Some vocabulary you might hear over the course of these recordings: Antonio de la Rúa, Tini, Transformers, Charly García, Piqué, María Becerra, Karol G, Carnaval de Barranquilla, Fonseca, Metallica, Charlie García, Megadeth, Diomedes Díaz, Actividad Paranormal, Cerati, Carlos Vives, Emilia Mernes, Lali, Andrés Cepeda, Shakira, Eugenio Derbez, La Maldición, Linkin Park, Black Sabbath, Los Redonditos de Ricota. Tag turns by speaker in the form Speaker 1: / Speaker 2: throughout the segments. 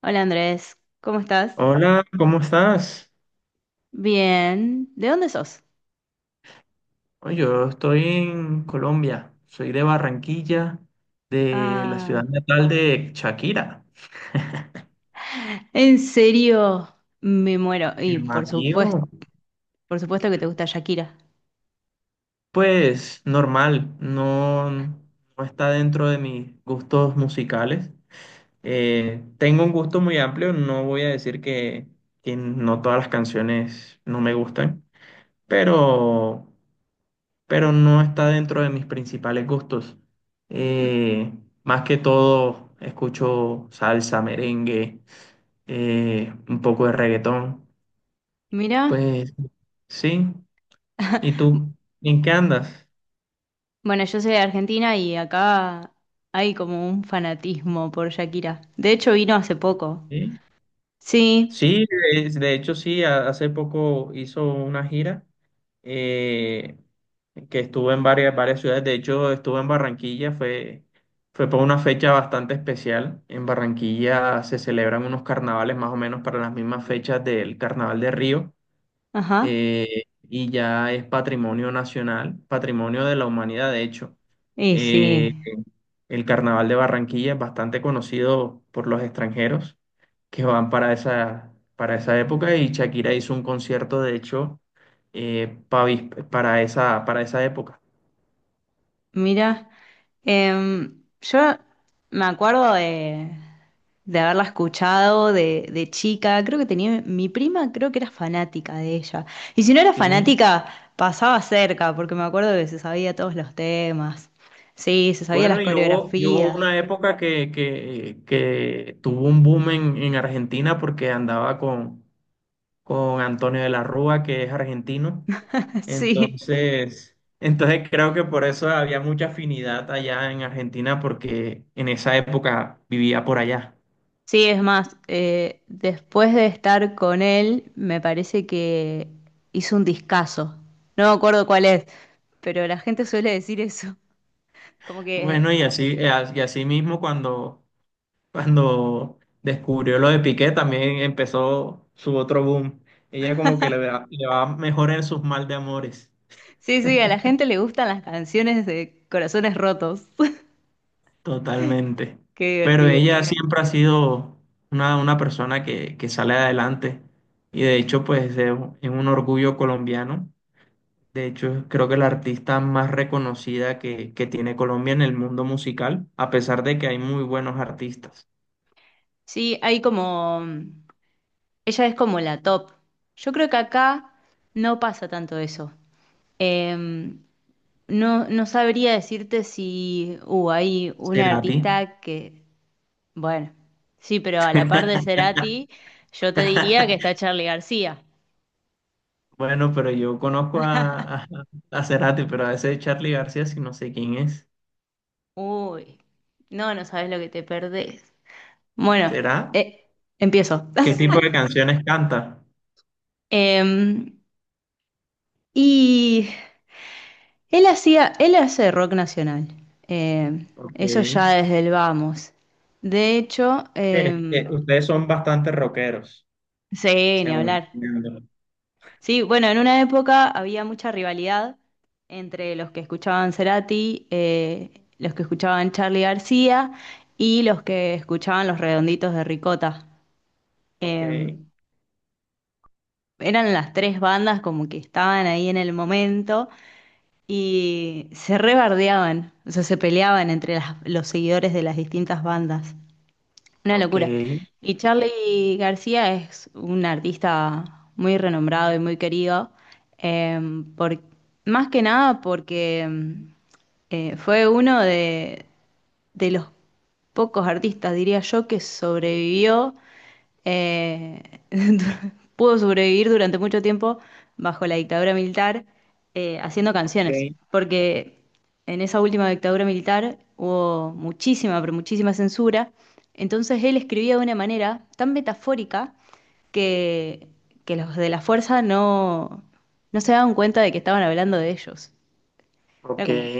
Speaker 1: Hola Andrés, ¿cómo estás?
Speaker 2: Hola, ¿cómo estás?
Speaker 1: Bien, ¿de dónde sos?
Speaker 2: Oye, yo estoy en Colombia, soy de Barranquilla, de la ciudad
Speaker 1: Ah,
Speaker 2: natal de Shakira.
Speaker 1: ¿en serio? Me muero. Y
Speaker 2: El Bajío,
Speaker 1: por supuesto que te gusta Shakira.
Speaker 2: pues normal, no, no está dentro de mis gustos musicales. Tengo un gusto muy amplio, no voy a decir que no todas las canciones no me gustan, pero pero no está dentro de mis principales gustos.
Speaker 1: M-
Speaker 2: Eh, más que todo, escucho salsa, merengue, un poco de reggaetón.
Speaker 1: Mira,
Speaker 2: Pues sí. ¿Y tú? ¿En qué andas?
Speaker 1: bueno, yo soy de Argentina y acá hay como un fanatismo por Shakira. De hecho, vino hace poco.
Speaker 2: ¿Sí?
Speaker 1: Sí,
Speaker 2: Sí, de hecho sí, hace poco hizo una gira eh, que estuvo en varias ciudades, de hecho estuvo en Barranquilla, fue por una fecha bastante especial. En Barranquilla se celebran unos carnavales más o menos para las mismas fechas del Carnaval de Río,
Speaker 1: ajá.
Speaker 2: y ya es patrimonio nacional, patrimonio de la humanidad, de hecho.
Speaker 1: Y sí,
Speaker 2: Eh, el Carnaval de Barranquilla es bastante conocido por los extranjeros que van para para esa época y Shakira hizo un concierto, de hecho, para para esa época.
Speaker 1: mira, yo me acuerdo de haberla escuchado de chica. Creo que tenía, mi prima creo que era fanática de ella. Y si no era
Speaker 2: Sí.
Speaker 1: fanática, pasaba cerca, porque me acuerdo que se sabía todos los temas. Sí, se sabía las
Speaker 2: Bueno, y hubo
Speaker 1: coreografías.
Speaker 2: una época que tuvo un boom en Argentina porque andaba con Antonio de la Rúa, que es argentino.
Speaker 1: Sí.
Speaker 2: Entonces creo que por eso había mucha afinidad allá en Argentina porque en esa época vivía por allá.
Speaker 1: Sí, es más, después de estar con él, me parece que hizo un discazo. No me acuerdo cuál es, pero la gente suele decir eso. Como que,
Speaker 2: Bueno, y así mismo cuando, cuando descubrió lo de Piqué, también empezó su otro boom. Ella como que le va mejor en sus mal de amores,
Speaker 1: sí, sí, a la gente le gustan las canciones de corazones rotos.
Speaker 2: totalmente.
Speaker 1: Qué
Speaker 2: Pero
Speaker 1: divertido.
Speaker 2: ella siempre ha sido una persona que sale adelante y de hecho pues es un orgullo colombiano. De hecho creo que la artista más reconocida que tiene Colombia en el mundo musical, a pesar de que hay muy buenos artistas.
Speaker 1: Sí, hay como, mm, ella es como la top. Yo creo que acá no pasa tanto eso. Eh, no, no sabría decirte si hay una
Speaker 2: Será ti.
Speaker 1: artista que, bueno, sí, pero a la par de Cerati, yo te diría que está Charly García.
Speaker 2: Bueno, pero yo conozco a Cerati, pero a ese Charlie García sí no sé quién es.
Speaker 1: Uy, no, no sabes lo que te perdés. Bueno,
Speaker 2: ¿Será?
Speaker 1: eh, empiezo.
Speaker 2: ¿Qué tipo de canciones canta?
Speaker 1: Em, y Él hacía, él hace rock nacional. eh,
Speaker 2: Ok.
Speaker 1: Eso ya desde el vamos. De hecho,
Speaker 2: Ustedes son bastante rockeros,
Speaker 1: sí, ni
Speaker 2: según
Speaker 1: hablar.
Speaker 2: entiendo.
Speaker 1: Sí, bueno, en una época había mucha rivalidad entre los que escuchaban Cerati, los que escuchaban Charly García y los que escuchaban Los Redonditos de Ricota.
Speaker 2: Ok,
Speaker 1: Eh, Eran las tres bandas como que estaban ahí en el momento y se rebardeaban, o sea, se peleaban entre los seguidores de las distintas bandas. Una
Speaker 2: ok,
Speaker 1: locura. Y Charly García es un artista muy renombrado y muy querido, eh, por, más que nada porque fue uno de los pocos artistas, diría yo, que sobrevivió, eh, du- pudo sobrevivir durante mucho tiempo bajo la dictadura militar haciendo canciones,
Speaker 2: ok,
Speaker 1: porque en esa última dictadura militar hubo muchísima, pero muchísima censura, entonces él escribía de una manera tan metafórica que, que los de la fuerza no, no se daban cuenta de que estaban hablando de ellos. Era
Speaker 2: ok.
Speaker 1: como,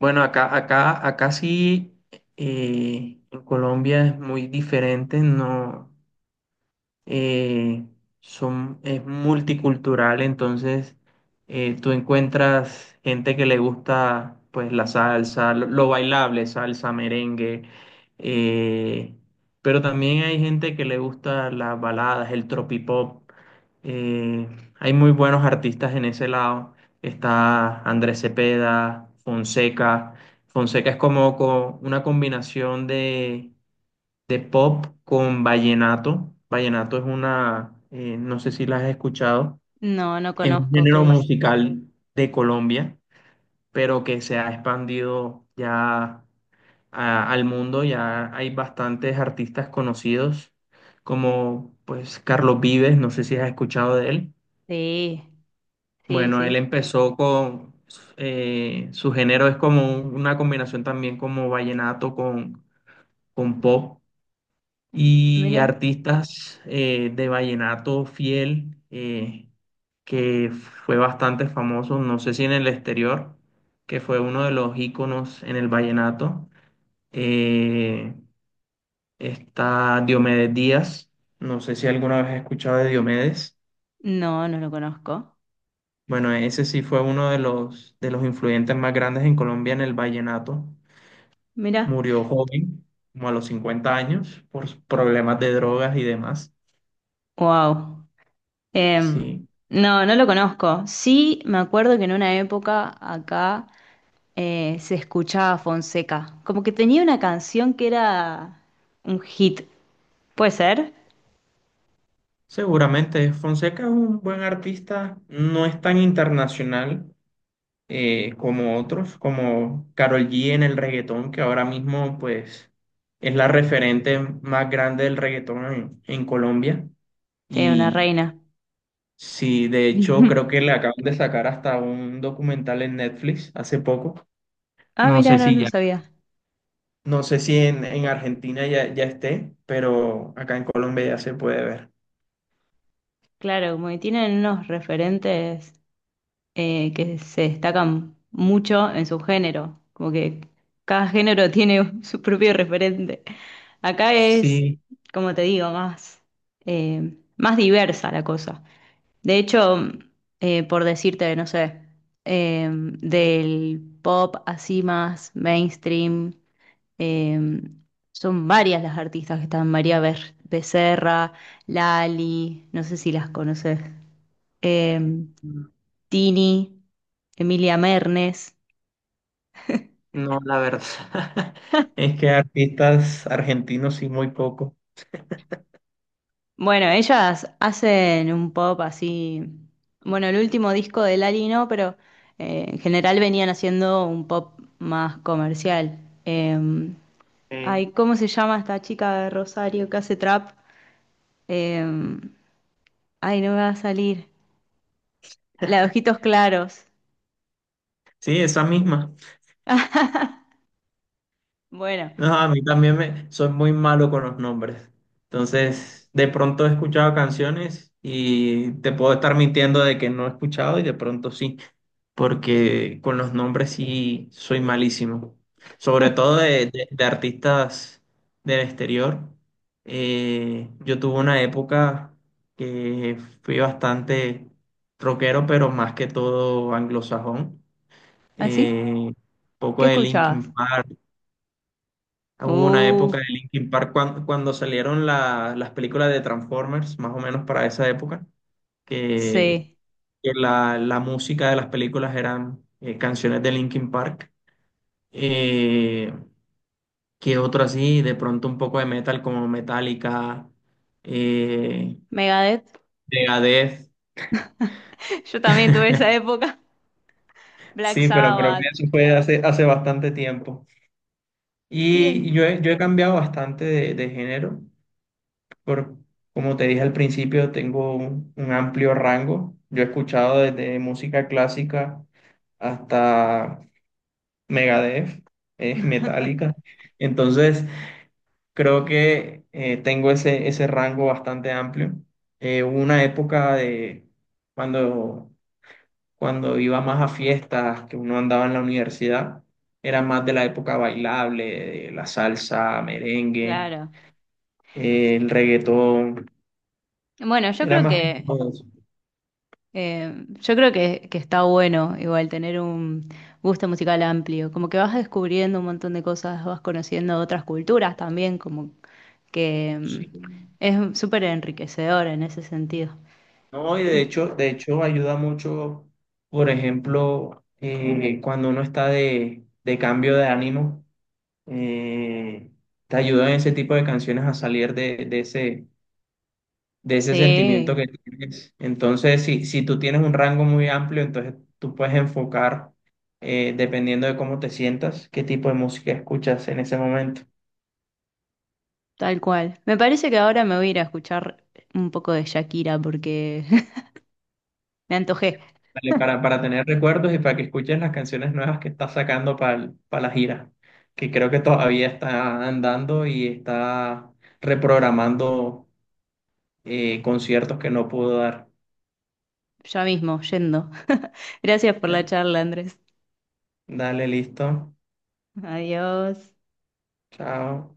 Speaker 2: Bueno, acá sí, en Colombia es muy diferente, no. eh, es multicultural, entonces tú encuentras gente que le gusta pues la salsa, lo bailable, salsa, merengue, eh, pero también hay gente que le gusta las baladas, el tropipop. Eh, hay muy buenos artistas en ese lado. Está Andrés Cepeda, Fonseca. Fonseca es como una combinación de pop con vallenato. Vallenato es una, no sé si la has escuchado,
Speaker 1: no, no
Speaker 2: es un
Speaker 1: conozco
Speaker 2: género
Speaker 1: qué es.
Speaker 2: musical de Colombia, pero que se ha expandido ya al mundo. Ya hay bastantes artistas conocidos, como pues Carlos Vives, no sé si has escuchado de él.
Speaker 1: Sí. Sí,
Speaker 2: Bueno, él
Speaker 1: sí.
Speaker 2: empezó con, su género es como una combinación también como vallenato con pop y
Speaker 1: Mira.
Speaker 2: artistas de vallenato fiel que fue bastante famoso, no sé si en el exterior, que fue uno de los íconos en el vallenato. Eh, está Diomedes Díaz, no sé si alguna vez has escuchado de Diomedes.
Speaker 1: No, no lo conozco.
Speaker 2: Bueno, ese sí fue uno de de los influyentes más grandes en Colombia en el vallenato.
Speaker 1: Mira.
Speaker 2: Murió joven, como a los 50 años, por problemas de drogas y demás.
Speaker 1: Wow.
Speaker 2: Sí.
Speaker 1: No, no lo conozco. Sí, me acuerdo que en una época acá se escuchaba Fonseca. Como que tenía una canción que era un hit. ¿Puede ser?
Speaker 2: Seguramente, Fonseca es un buen artista, no es tan internacional, como otros, como Karol G en el reggaetón, que ahora mismo pues es la referente más grande del reggaetón en Colombia.
Speaker 1: Sí, una
Speaker 2: Y
Speaker 1: reina.
Speaker 2: sí, de hecho creo que le acaban de sacar hasta un documental en Netflix hace poco.
Speaker 1: Ah,
Speaker 2: No
Speaker 1: mira,
Speaker 2: sé
Speaker 1: no
Speaker 2: si
Speaker 1: lo
Speaker 2: ya.
Speaker 1: sabía.
Speaker 2: No sé si en Argentina ya esté, pero acá en Colombia ya se puede ver.
Speaker 1: Claro, como que tienen unos referentes que se destacan mucho en su género, como que cada género tiene su propio referente. Acá es,
Speaker 2: Sí.
Speaker 1: como te digo, más, más diversa la cosa. De hecho, por decirte, no sé, del pop así más mainstream, eh, son varias las artistas que están, Becerra, Lali, no sé si las conoces. Eh, Tini, Emilia Mernes.
Speaker 2: No, la verdad. Es que artistas argentinos sí, muy poco.
Speaker 1: Bueno, ellas hacen un pop así. Bueno, el último disco de Lali no, pero en general venían haciendo un pop más comercial. Eh,
Speaker 2: Eh,
Speaker 1: Ay, ¿cómo se llama esta chica de Rosario que hace trap? Eh, Ay, no me va a salir. La de ojitos claros.
Speaker 2: sí, esa misma.
Speaker 1: Bueno,
Speaker 2: No, a mí también me, soy muy malo con los nombres. Entonces, de pronto he escuchado canciones y te puedo estar mintiendo de que no he escuchado y de pronto sí, porque con los nombres sí soy malísimo. Sobre todo de artistas del exterior. Yo tuve una época que fui bastante rockero, pero más que todo anglosajón.
Speaker 1: ¿así?
Speaker 2: Eh, poco
Speaker 1: ¿Qué
Speaker 2: de
Speaker 1: escuchabas?
Speaker 2: Linkin Park. Hubo una
Speaker 1: Uh,
Speaker 2: época de Linkin Park cuando, cuando salieron las películas de Transformers, más o menos para esa época, que,
Speaker 1: sí.
Speaker 2: que la música de las películas eran canciones de Linkin Park. Eh, que otro así, de pronto un poco de metal como Metallica, eh,
Speaker 1: Megadeth.
Speaker 2: Megadeth.
Speaker 1: Yo también tuve esa época. Black
Speaker 2: Sí, pero creo
Speaker 1: Sabbath.
Speaker 2: que eso fue hace bastante tiempo.
Speaker 1: Sí,
Speaker 2: Yo he cambiado bastante de género. Por, como te dije al principio, tengo un amplio rango. Yo he escuchado desde música clásica hasta Megadeth, es Metallica. Entonces, creo que tengo ese rango bastante amplio. Hubo una época de cuando, cuando iba más a fiestas, que uno andaba en la universidad, era más de la época bailable, de la salsa, merengue,
Speaker 1: claro.
Speaker 2: el reggaetón,
Speaker 1: Bueno,
Speaker 2: era más que todo eso.
Speaker 1: yo creo que está bueno igual tener un gusto musical amplio, como que vas descubriendo un montón de cosas, vas conociendo otras culturas también, como que
Speaker 2: Sí.
Speaker 1: mm, es súper enriquecedor en ese sentido.
Speaker 2: No, y
Speaker 1: Mm,
Speaker 2: de hecho ayuda mucho, por ejemplo, cuando uno está de cambio de ánimo, eh, te ayudan ese tipo de canciones a salir de ese sentimiento que
Speaker 1: sí,
Speaker 2: tienes. Entonces, si tú tienes un rango muy amplio, entonces tú puedes enfocar, dependiendo de cómo te sientas, qué tipo de música escuchas en ese momento.
Speaker 1: tal cual. Me parece que ahora me voy a ir a escuchar un poco de Shakira porque me antojé,
Speaker 2: Dale, para tener recuerdos y para que escuches las canciones nuevas que está sacando para la gira, que creo que todavía está andando y está reprogramando conciertos que no pudo dar.
Speaker 1: ya mismo, yendo. Gracias por la
Speaker 2: Ya.
Speaker 1: charla, Andrés.
Speaker 2: Dale, listo.
Speaker 1: Adiós.
Speaker 2: Chao.